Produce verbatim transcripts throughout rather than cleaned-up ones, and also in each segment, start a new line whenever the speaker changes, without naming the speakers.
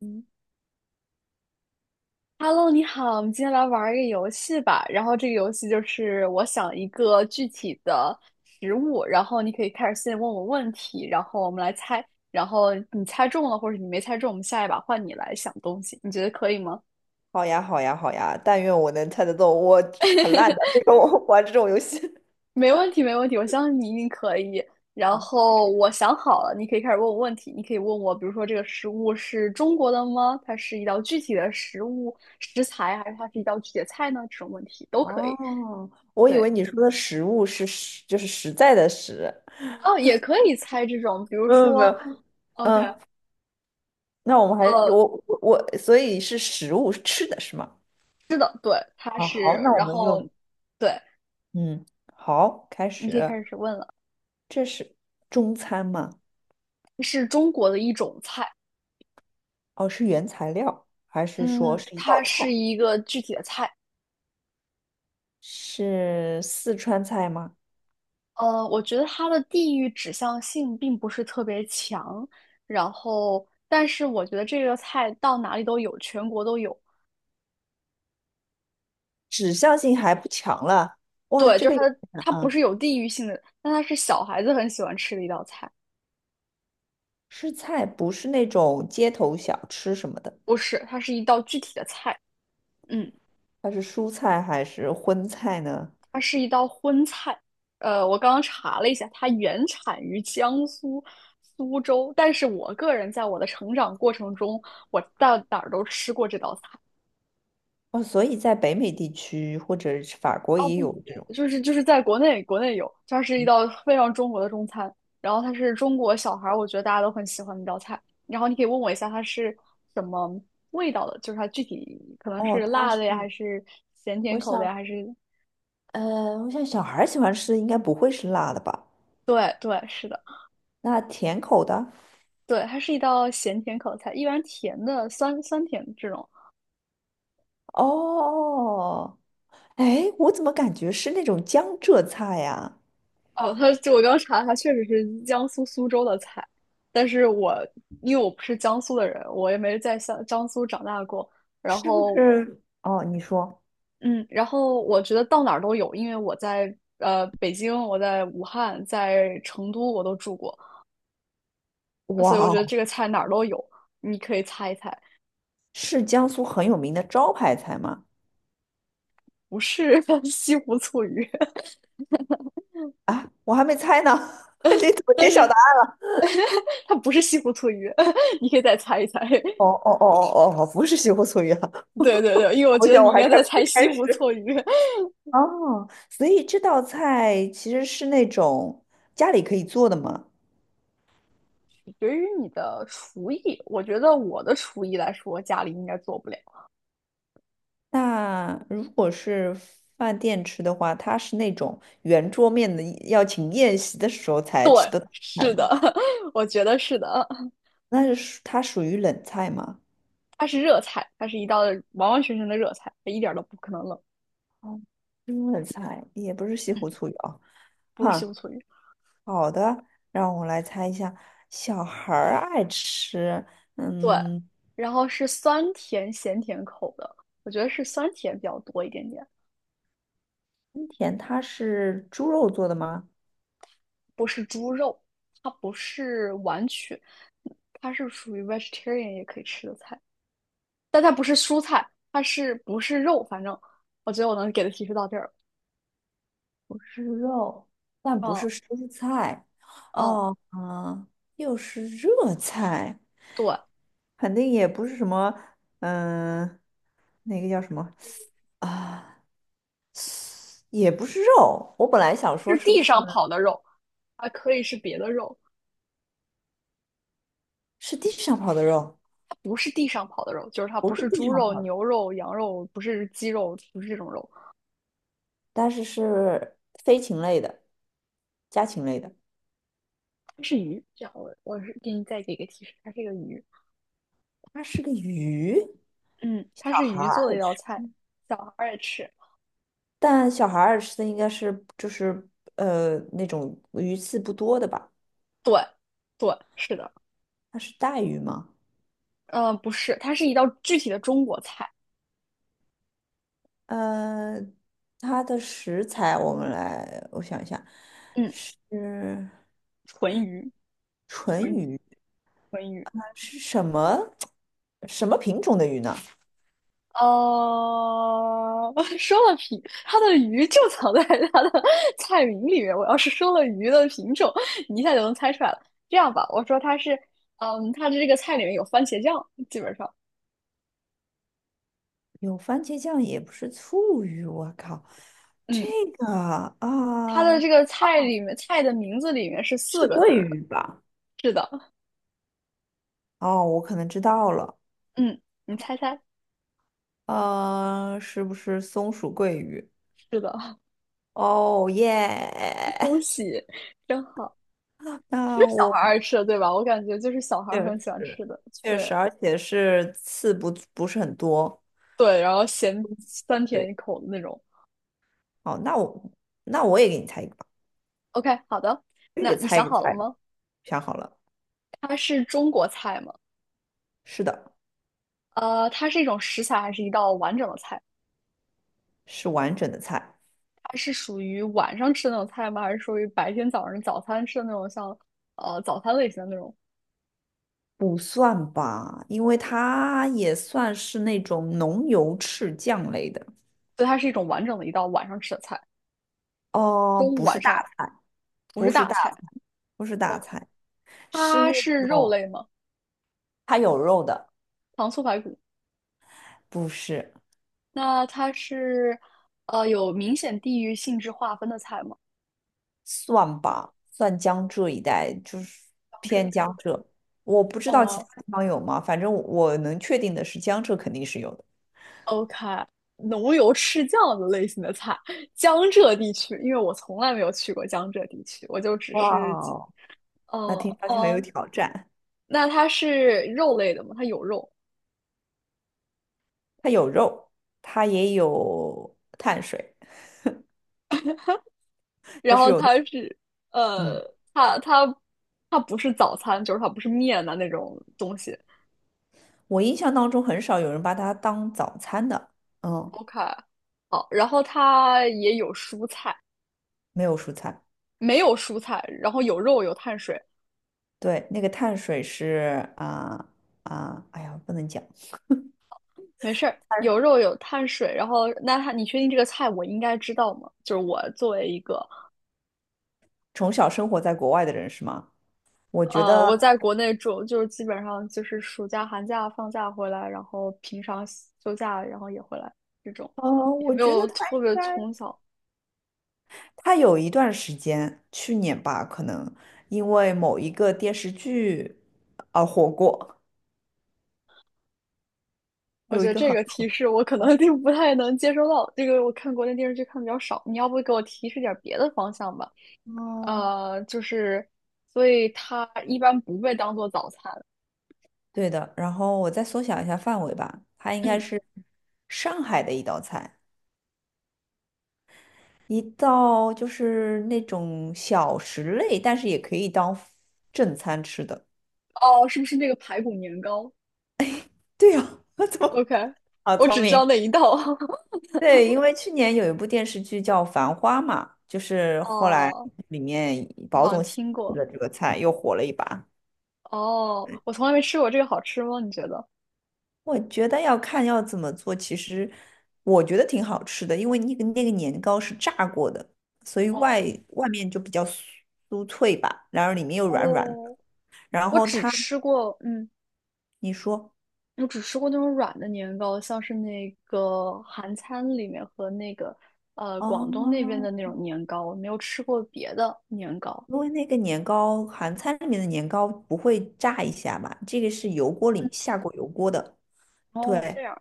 嗯，Hello，你好，我们今天来玩儿一个游戏吧。然后这个游戏就是我想一个具体的食物，然后你可以开始先问我问题，然后我们来猜。然后你猜中了或者你没猜中，我们下一把换你来想东西，你觉得可以吗？
好呀，好呀，好呀！但愿我能猜得动，我很烂的，这个我 玩这种游戏。
没问题，没问题，我相信你一定可以。然
啊
后我想好了，你可以开始问我问题。你可以问我，比如说这个食物是中国的吗？它是一道具体的食物食材，还是它是一道具体的菜呢？这种问题都可以。
哦，我以
对。
为你说的食物是实，就是实在的实。
哦，也可以猜这种，比如
没有没
说
有，
，OK，
嗯，那我们还
呃，
我我我，所以是食物是吃的是吗？
是的，对，它
啊，
是，
好，那我
然
们就
后，对，
嗯，好，开
你可以
始。
开始问了，
这是中餐吗？
是中国的一种菜，
哦，是原材料，还是说
嗯，
是一道
它是
菜？
一个具体的菜，
是四川菜吗？
呃，我觉得它的地域指向性并不是特别强，然后，但是我觉得这个菜到哪里都有，全国都有，
指向性还不强了，哇，
对，
这
就
个
是
有
它
点
的，
难
它不
啊。
是有地域性的，但它是小孩子很喜欢吃的一道菜，
吃菜不是那种街头小吃什么的，
不是，它是一道具体的菜，嗯。
它是蔬菜还是荤菜呢？
它是一道荤菜。呃，我刚刚查了一下，它原产于江苏苏州，但是我个人在我的成长过程中，我到哪儿都吃过这道菜。
哦，所以在北美地区或者是法国
哦，
也
不不
有这种。
不，就是就是在国内，国内有，它是一道非常中国的中餐，然后它是中国小孩儿，我觉得大家都很喜欢的一道菜。然后你可以问我一下它是什么味道的，就是它具体可能
哦，
是
它
辣
是，
的呀，还是咸甜
我
口的呀，
想，
还是
呃，我想小孩儿喜欢吃的应该不会是辣的吧？
对对是的。
那甜口的？
对，它是一道咸甜口菜，一般甜的酸酸甜这种。
哦，哎，我怎么感觉是那种江浙菜呀？
哦，它就我刚查，了，它确实是江苏苏州的菜，但是我因为我不是江苏的人，我也没在江江苏长大过。然
是不
后，
是？哦，你说，
嗯，然后我觉得到哪儿都有，因为我在呃北京，我在武汉，在成都我都住过，所
哇
以我觉得
哦，
这个菜哪儿都有，你可以猜一猜，
是江苏很有名的招牌菜吗？
不是 西湖醋鱼，
啊，我还没猜呢，你怎么
但
揭晓的？
是它不是西湖醋鱼，你可以再猜一猜。
哦哦哦哦哦，不是西湖醋鱼啊！
对对对，因为我
我
觉得
想
你
我
应
还
该
开
在
没
猜
开
西湖
始。
醋鱼。
哦，所以这道菜其实是那种家里可以做的嘛。
对于你的厨艺，我觉得我的厨艺来说，家里应该做不了。
那如果是饭店吃的话，它是那种圆桌面的，要请宴席的时候才吃的菜
是
吗？
的，我觉得是的。
那是属它属于冷菜吗？
它是热菜，它是一道完完全全的热菜，它一点儿都不可能冷，
哦，是冷菜也不是西湖醋鱼啊。
不是西
哈，
湖醋鱼。
好的，让我来猜一下，小孩儿爱吃，
对，
嗯。
然后是酸甜咸甜口的，我觉得是酸甜比较多一点点，
春田它是猪肉做的吗？
不是猪肉，它不是完全，它是属于 vegetarian 也可以吃的菜。但它不是蔬菜，它是不是肉？反正我觉得我能给的提示到这儿。
不是肉，但不
嗯
是蔬菜，
嗯，
哦，嗯，又是热菜，
对，
肯定也不是什么，嗯、那个叫什么啊？也不是肉。我本来想说
是
是不
地
是
上跑的肉，还可以是别的肉，
是地上跑的肉，
它不是地上跑的肉，就是它
不
不
是
是
地
猪
上
肉、
跑的，
牛肉、羊肉，不是鸡肉，不是这种肉，
但是是飞禽类的、家禽类的。
它是鱼。这样我我是给你再给一个提示，它是一个鱼。
它是个鱼，
嗯，
小
它是
孩
鱼做的一
儿，
道菜，小孩儿也吃。
但小孩儿吃的应该是就是呃那种鱼刺不多的吧。
对对，是的。
它是带鱼吗？
嗯，不是，它是一道具体的中国菜。
呃，它的食材我们来，我想一下，
嗯，
是
纯鱼，纯鱼，纯鱼。
是什么 什么品种的鱼呢？
哦，说了品，它的鱼就藏在它的 菜名里面。我要是说了鱼的品种，你一下就能猜出来了。这样吧，我说它是，嗯，它的这个菜里面有番茄酱，基本上，
有番茄酱，也不是醋鱼，我靠，这
嗯，
个
它的
啊，
这个菜里面菜的名字里面是四
是
个字
桂
儿的。
鱼吧？
是的，
哦，我可能知道了，
嗯，你猜猜，
呃，是不是松鼠桂鱼？
是的，
哦
恭
耶，
喜，真好，是
那
小孩儿
我
爱吃的，对吧？我感觉就是小孩
确
儿很喜
实
欢吃的，
确
对
实，而且是刺不不是很多。
对，然后咸酸
对。
甜口的那种。
哦，那我那我也给你猜一个吧，
OK，好的，
我也
那
给
你
猜一
想
个
好了
菜，
吗？
想好了，
它是中国菜吗？
是的，
呃，它是一种食材还是一道完整的菜？
是完整的菜，
它是属于晚上吃的那种菜吗？还是属于白天早上早餐吃的那种像，呃早餐类型的那种？
不算吧，因为它也算是那种浓油赤酱类的，
所以它是一种完整的一道晚上吃的菜，
哦，
中午
不是
晚
大，
上不是
不是
大
大
菜。
菜不是大
OK，
菜，是
它
那
是肉
种
类吗？
它有肉的，
糖醋排骨。
不是，
那它是呃有明显地域性质划分的菜吗？
算吧，算江浙一带，就是
这一
偏
类
江
OK。
浙，我不知道其
哦、
他地方有吗，反正我能确定的是江浙肯定是有的。
OK，浓油赤酱的类型的菜，江浙地区，因为我从来没有去过江浙地区，我就只
哇
是几
哦，那
哦
听上去很有
哦，
挑战。
那它是肉类的吗？它有肉，
它有肉，它也有碳水，就
然
是
后
有的。
它是，
嗯，
呃，它它它不是早餐，就是它不是面的那种东西。
我印象当中很少有人把它当早餐的。嗯，
OK，好，然后它也有蔬菜，
没有蔬菜。
没有蔬菜，然后有肉有碳水，
对，那个碳水是啊啊，哎呀，不能讲。
没事儿，
碳
有肉有碳水，然后那它你确定这个菜我应该知道吗？就是我作为一个
从小生活在国外的人是吗？我觉
呃，
得，
我在国内住，就是基本上就是暑假、寒假放假回来，然后平常休假，然后也回来这种，
呃，
也
我
没
觉
有
得他
特
应
别
该，
从小。
他有一段时间，去年吧，可能因为某一个电视剧而火过，
我
有
觉
一
得
个
这
很
个
好
提示我可能就不太能接收到，这个我看国内电视剧看的比较少。你要不给我提示点别的方向吧？
哦，
呃，就是，所以它一般不被当做早餐。
对的，然后我再缩小一下范围吧，它应该
嗯，
是上海的一道菜，一道就是那种小食类，但是也可以当正餐吃的。
哦，是不是那个排骨年糕
对呀，我怎么
？OK，
好
我
聪
只知
明？
道那一道。
对，因为去年有一部电视剧叫《繁花》嘛，就是后来
哦，
里面
我
宝
好像
总喜
听过。
了这个菜，又火了一把。
哦，我从来没吃过这个，好吃吗？你觉得？
我觉得要看要怎么做，其实我觉得挺好吃的，因为那个那个年糕是炸过的，所以外外面就比较酥酥脆吧，然后里面又软软的。
哦，
然
我
后
只
它，
吃过，嗯，
你说
我只吃过那种软的年糕，像是那个韩餐里面和那个呃
哦，
广东那边的那种年糕，我没有吃过别的年糕。
因为那个年糕，韩餐里面的年糕不会炸一下嘛，这个是油锅里下过油锅的，
哦，这
对。
样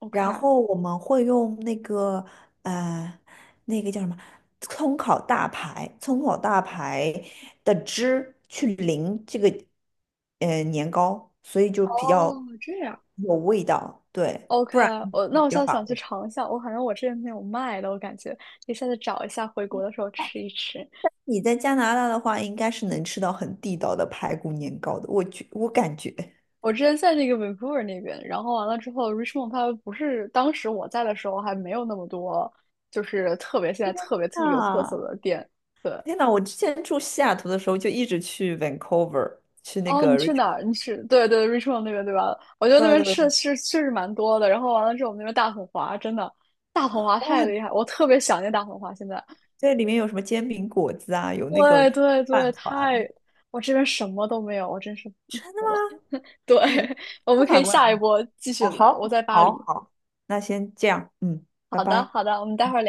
，OK，
然后我们会用那个呃，那个叫什么葱烤大排，葱烤大排的汁去淋这个呃年糕，所以就比较
哦，这样
有味道，对，
，OK，
不然
我那
比
我
较
下次
乏
想去
味。
尝一下，我好像我这边没有卖的，我感觉可以下次找一下，回国的时候吃一吃。
你在加拿大的话，应该是能吃到很地道的排骨年糕的，我觉我感觉。
我之前在那个 Vancouver 那边，然后完了之后，Richmond 它不是当时我在的时候还没有那么多，就是特别现在特别特别有特色
啊，
的店。对，
天呐，我之前住西雅图的时候，就一直去 Vancouver，去那
哦，你
个
去哪
Richmond。
儿？你去对对 Richmond 那边对吧？我觉得那
对
边
对，
吃的是确实蛮多的。然后完了之后，我们那边大统华真的大统华太
哇，
厉害，我特别想念大统华。现在，
这里面有什么煎饼果子啊，有那个
对对对，
饭
太
团。
我这边什么都没有，我真是
真的
服
吗？
了。对，
嗯，
我
在
们可
法
以
国哪
下一
里？
波继续
哦，
聊。我
好，
在巴
好，
黎。
好，那先这样，嗯，拜
好的
拜。
好的，我们待会儿聊。